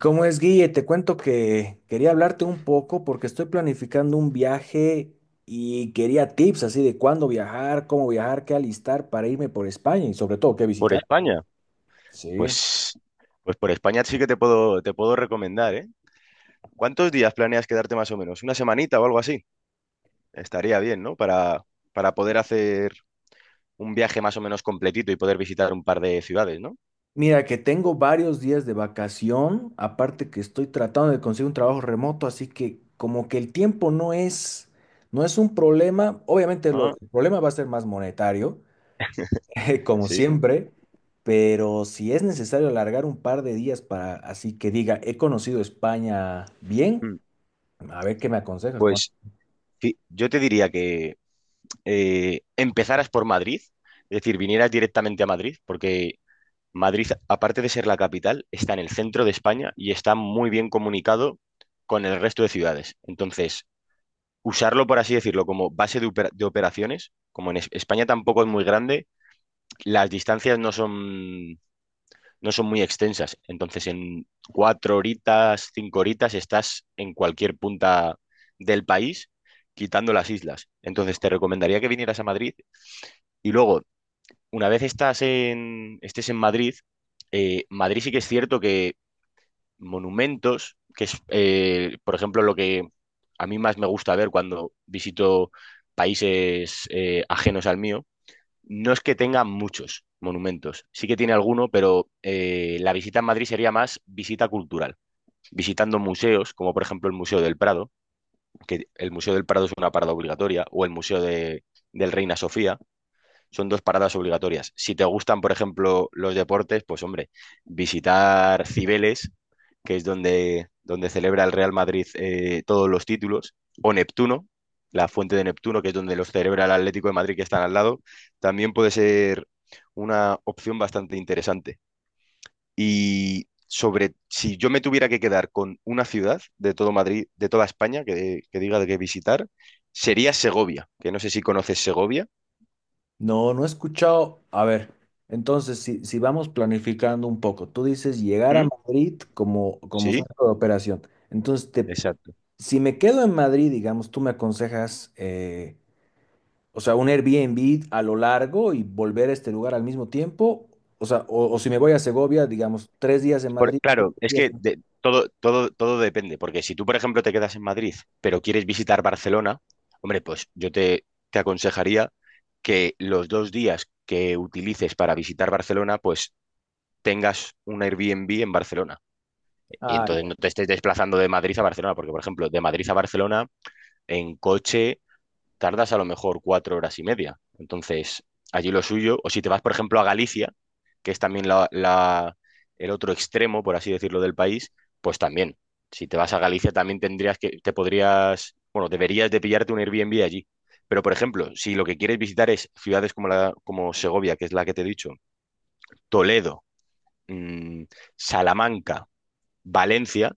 ¿Cómo es, Guille? Te cuento que quería hablarte un poco porque estoy planificando un viaje y quería tips así de cuándo viajar, cómo viajar, qué alistar para irme por España y sobre todo qué Por visitar. España, Sí. pues, pues por España sí que te puedo recomendar, ¿eh? ¿Cuántos días planeas quedarte más o menos? ¿Una semanita o algo así? Estaría bien, ¿no? Para poder hacer un viaje más o menos completito y poder visitar un par de ciudades, ¿no? Mira, que tengo varios días de vacación, aparte que estoy tratando de conseguir un trabajo remoto, así que como que el tiempo no es un problema. Obviamente Ah, el problema va a ser más monetario como sí. siempre, pero si es necesario alargar un par de días para así que diga, he conocido España bien, Mm. a ver qué me aconsejas, Juan. Pues sí, yo te diría que empezaras por Madrid, es decir, vinieras directamente a Madrid, porque Madrid, aparte de ser la capital, está en el centro de España y está muy bien comunicado con el resto de ciudades. Entonces, usarlo, por así decirlo, como base de operaciones. Como en España tampoco es muy grande, las distancias no son muy extensas. Entonces, en 4 horitas, 5 horitas, estás en cualquier punta del país, quitando las islas. Entonces, te recomendaría que vinieras a Madrid. Y luego, una vez estés en Madrid, Madrid sí que es cierto que monumentos, que es, por ejemplo, lo que a mí más me gusta ver cuando visito países ajenos al mío, no es que tenga muchos monumentos. Sí que tiene alguno, pero la visita en Madrid sería más visita cultural, visitando museos, como por ejemplo el Museo del Prado, que el Museo del Prado es una parada obligatoria, o el Museo del Reina Sofía son dos paradas obligatorias. Si te gustan, por ejemplo, los deportes, pues hombre, visitar Cibeles, que es donde celebra el Real Madrid todos los títulos, o Neptuno, la fuente de Neptuno, que es donde los celebra el Atlético de Madrid, que están al lado, también puede ser una opción bastante interesante. Y sobre si yo me tuviera que quedar con una ciudad de todo Madrid, de toda España, que diga de qué visitar, sería Segovia, que no sé si conoces Segovia. No, no he escuchado. A ver, entonces, si vamos planificando un poco, tú dices llegar a ¿Mm? Madrid como Sí, centro de operación. Entonces, te, exacto. si me quedo en Madrid, digamos, tú me aconsejas, o sea, un Airbnb a lo largo y volver a este lugar al mismo tiempo. O sea, o si me voy a Segovia, digamos, 3 días en Madrid, tres Claro, es días que todo depende, porque si tú, por ejemplo, te quedas en Madrid, pero quieres visitar Barcelona, hombre, pues yo te aconsejaría que los 2 días que utilices para visitar Barcelona, pues tengas un Airbnb en Barcelona. Y Ah, entonces ya. no te estés desplazando de Madrid a Barcelona, porque, por ejemplo, de Madrid a Barcelona, en coche tardas a lo mejor 4 horas y media. Entonces, allí lo suyo, o si te vas, por ejemplo, a Galicia, que es también el otro extremo, por así decirlo, del país, pues también. Si te vas a Galicia también te podrías, bueno, deberías de pillarte un Airbnb allí. Pero, por ejemplo, si lo que quieres visitar es ciudades como Segovia, que es la que te he dicho, Toledo, mmm, Salamanca, Valencia,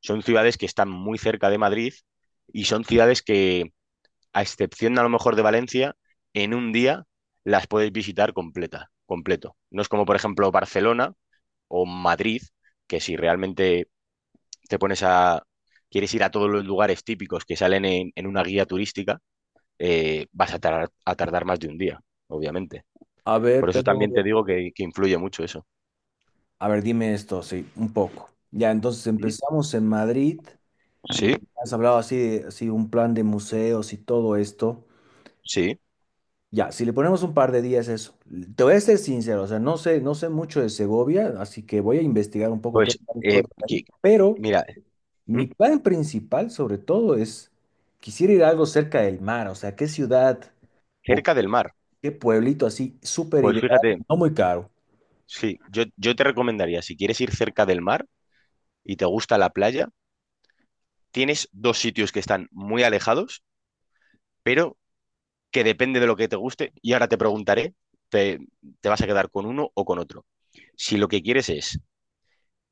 son ciudades que están muy cerca de Madrid y son ciudades que a excepción a lo mejor de Valencia, en un día las puedes visitar completo. No es como, por ejemplo, Barcelona o Madrid, que si realmente te pones a, quieres ir a todos los lugares típicos que salen en una guía turística, vas a tardar más de un día, obviamente. A ver, Por eso pero, también te digo que influye mucho eso. a ver, dime esto, sí, un poco. Ya, entonces ¿Mm? empezamos en Madrid y Sí, has hablado así de así un plan de museos y todo esto. sí. Ya, si le ponemos un par de días eso. Te voy a ser sincero, o sea, no sé mucho de Segovia, así que voy a investigar un poco qué Pues, planes puedo eh, hacer ahí. que- Pero mira, ¿Mm? mi plan principal, sobre todo, es quisiera ir a algo cerca del mar, o sea, qué ciudad o Cerca del mar. qué pueblito así súper Pues ideal, fíjate, no muy caro. sí, yo te recomendaría, si quieres ir cerca del mar, y te gusta la playa, tienes dos sitios que están muy alejados, pero que depende de lo que te guste. Y ahora te preguntaré, te, te vas a quedar con uno o con otro. Si lo que quieres es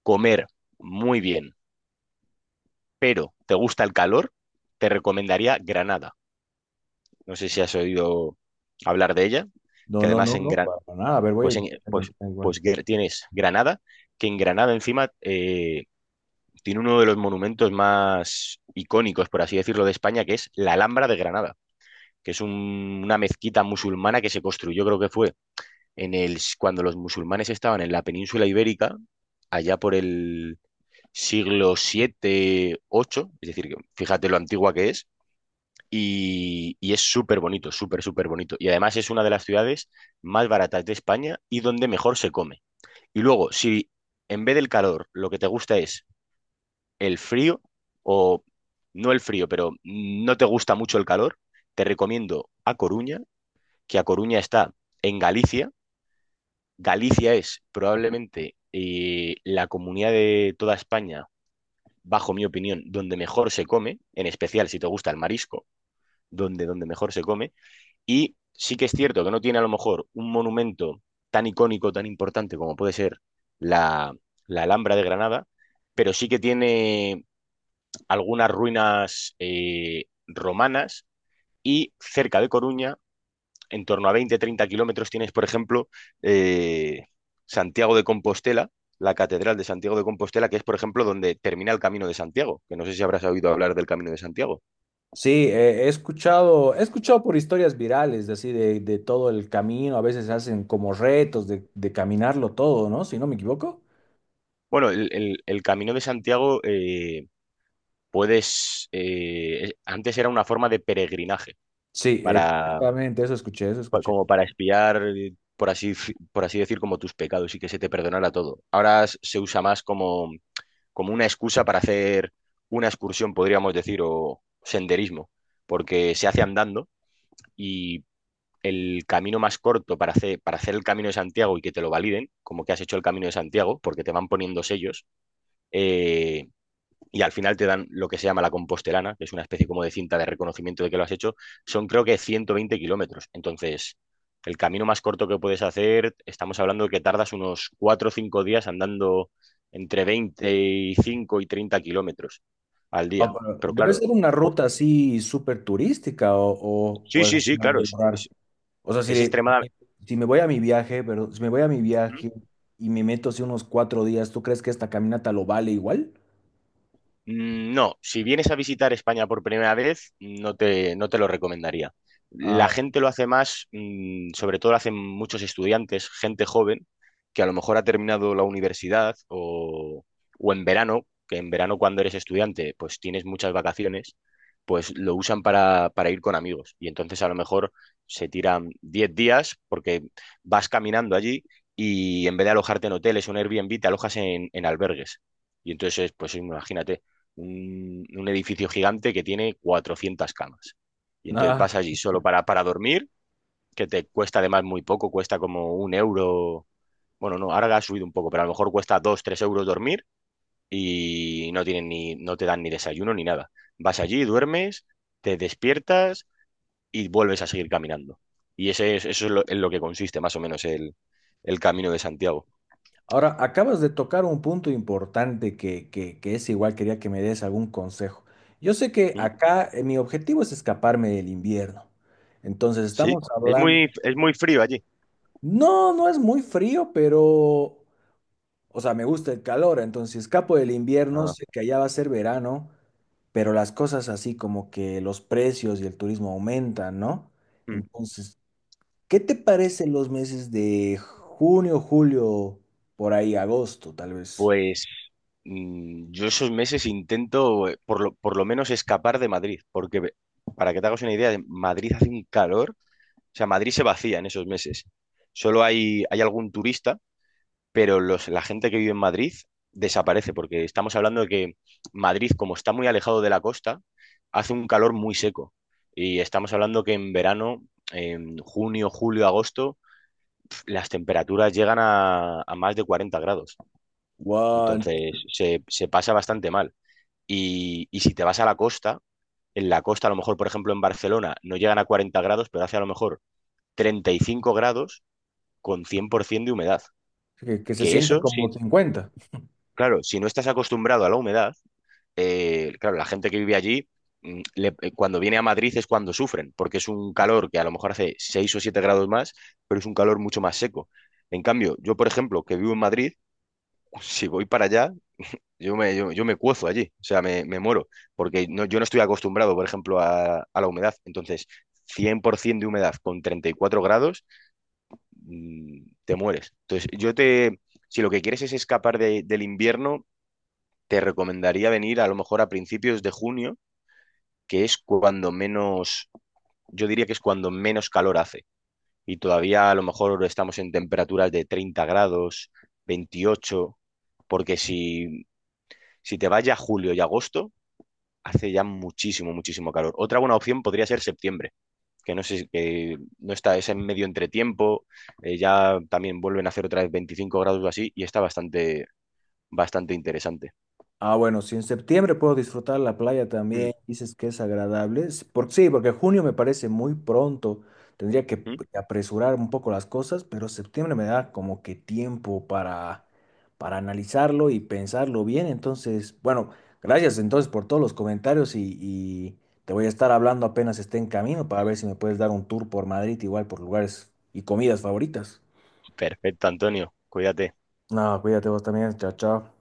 comer muy bien, pero te gusta el calor, te recomendaría Granada. No sé si has oído hablar de ella, No, que no, además no, en no, Gran... para nada. A ver, voy a pues, en- pues, intentar igual. Tienes Granada, que en Granada encima tiene uno de los monumentos más icónicos, por así decirlo, de España, que es la Alhambra de Granada. Que es una mezquita musulmana que se construyó, creo que fue cuando los musulmanes estaban en la península ibérica, allá por el siglo VII, VIII, es decir, que fíjate lo antigua que es, y es súper bonito, súper, súper bonito. Y además es una de las ciudades más baratas de España y donde mejor se come. Y luego, si en vez del calor lo que te gusta es el frío, o no el frío, pero no te gusta mucho el calor, te recomiendo A Coruña, que A Coruña está en Galicia. Galicia es probablemente la comunidad de toda España, bajo mi opinión, donde mejor se come, en especial si te gusta el marisco, donde mejor se come. Y sí que es cierto que no tiene a lo mejor un monumento tan icónico, tan importante como puede ser la, la Alhambra de Granada, pero sí que tiene algunas ruinas romanas y cerca de Coruña en torno a 20 30 kilómetros tienes, por ejemplo, eh, Santiago de Compostela, la Catedral de Santiago de Compostela, que es, por ejemplo, donde termina el Camino de Santiago, que no sé si habrás oído hablar del Camino de Santiago. Sí, he escuchado por historias virales, de así de todo el camino. A veces hacen como retos de caminarlo todo, ¿no? Si no me equivoco. Bueno, el Camino de Santiago antes era una forma de peregrinaje, Sí, para, exactamente, eso escuché, eso pa- escuché. como para espiar, por así decir, como tus pecados y que se te perdonara todo. Ahora se usa más como una excusa para hacer una excursión, podríamos decir, o senderismo, porque se hace andando y el camino más corto para hacer el camino de Santiago y que te lo validen, como que has hecho el camino de Santiago, porque te van poniendo sellos, eh, y al final te dan lo que se llama la compostelana, que es una especie como de cinta de reconocimiento de que lo has hecho, son creo que 120 kilómetros. Entonces, el camino más corto que puedes hacer, estamos hablando de que tardas unos 4 o 5 días andando entre 25 y 30 kilómetros al Ah, día. pero Pero debe claro, ser una po- ruta así súper turística o, o, sí, o es sí, sí, claro, medio es, raro. es, O sea, es extremadamente... si me voy a mi viaje, pero si me voy a mi viaje y me meto así unos 4 días, ¿tú crees que esta caminata lo vale igual? No, si vienes a visitar España por primera vez, no te lo recomendaría. La Ah, gente lo hace más, sobre todo lo hacen muchos estudiantes, gente joven, que a lo mejor ha terminado la universidad o en verano, que en verano cuando eres estudiante, pues tienes muchas vacaciones, pues lo usan para ir con amigos. Y entonces a lo mejor se tiran 10 días porque vas caminando allí y en vez de alojarte en hoteles o en Airbnb, te alojas en albergues. Y entonces, pues imagínate un edificio gigante que tiene 400 camas. Y entonces no. vas allí solo para dormir, que te cuesta además muy poco, cuesta como 1 euro. Bueno, no, ahora ha subido un poco, pero a lo mejor cuesta 2, 3 euros dormir y no te dan ni desayuno ni nada. Vas allí, duermes, te despiertas y vuelves a seguir caminando. Eso es en lo que consiste más o menos el camino de Santiago. Ahora, acabas de tocar un punto importante que es igual, quería que me des algún consejo. Yo sé que ¿Mm? acá mi objetivo es escaparme del invierno. Entonces ¿Sí? estamos Es hablando, muy, es muy frío allí. no, no es muy frío, pero, o sea, me gusta el calor. Entonces, si escapo del invierno, Ah, sé que allá va a ser verano, pero las cosas así como que los precios y el turismo aumentan, ¿no? mm. Entonces, ¿qué te parecen los meses de junio, julio, por ahí, agosto, tal vez? Pues yo esos meses intento, por lo menos, escapar de Madrid, porque para que te hagas una idea, en Madrid hace un calor, o sea, Madrid se vacía en esos meses. Solo hay algún turista, pero la gente que vive en Madrid desaparece, porque estamos hablando de que Madrid, como está muy alejado de la costa, hace un calor muy seco. Y estamos hablando que en verano, en junio, julio, agosto, las temperaturas llegan a más de 40 grados. Guau, Entonces, se pasa bastante mal. Y si te vas a la costa, en la costa, a lo mejor, por ejemplo, en Barcelona, no llegan a 40 grados, pero hace a lo mejor 35 grados con 100% de humedad. que se Que siente eso, como sí, 50. claro, si no estás acostumbrado a la humedad, claro, la gente que vive allí, cuando viene a Madrid es cuando sufren, porque es un calor que a lo mejor hace 6 o 7 grados más, pero es un calor mucho más seco. En cambio, yo, por ejemplo, que vivo en Madrid, si voy para allá, yo me cuezo allí, o sea, me muero, porque no, yo no estoy acostumbrado, por ejemplo, a la humedad. Entonces, 100% de humedad con 34 grados, te mueres. Entonces, si lo que quieres es escapar del invierno, te recomendaría venir a lo mejor a principios de junio, que es cuando menos, yo diría que es cuando menos calor hace. Y todavía a lo mejor estamos en temperaturas de 30 grados, 28, porque si te vas ya a julio y agosto hace ya muchísimo, muchísimo calor. Otra buena opción podría ser septiembre, que no sé, si- que no está, es en medio entretiempo, ya también vuelven a hacer otra vez 25 grados o así, y está bastante, bastante interesante. Ah, bueno, si en septiembre puedo disfrutar la playa Mm, también, dices que es agradable. Sí, porque junio me parece muy pronto. Tendría que mm. apresurar un poco las cosas, pero septiembre me da como que tiempo para analizarlo y pensarlo bien. Entonces, bueno, gracias entonces por todos los comentarios y te voy a estar hablando apenas esté en camino para ver si me puedes dar un tour por Madrid, igual por lugares y comidas favoritas. Perfecto, Antonio, cuídate. Nada, cuídate vos también. Chao, chao.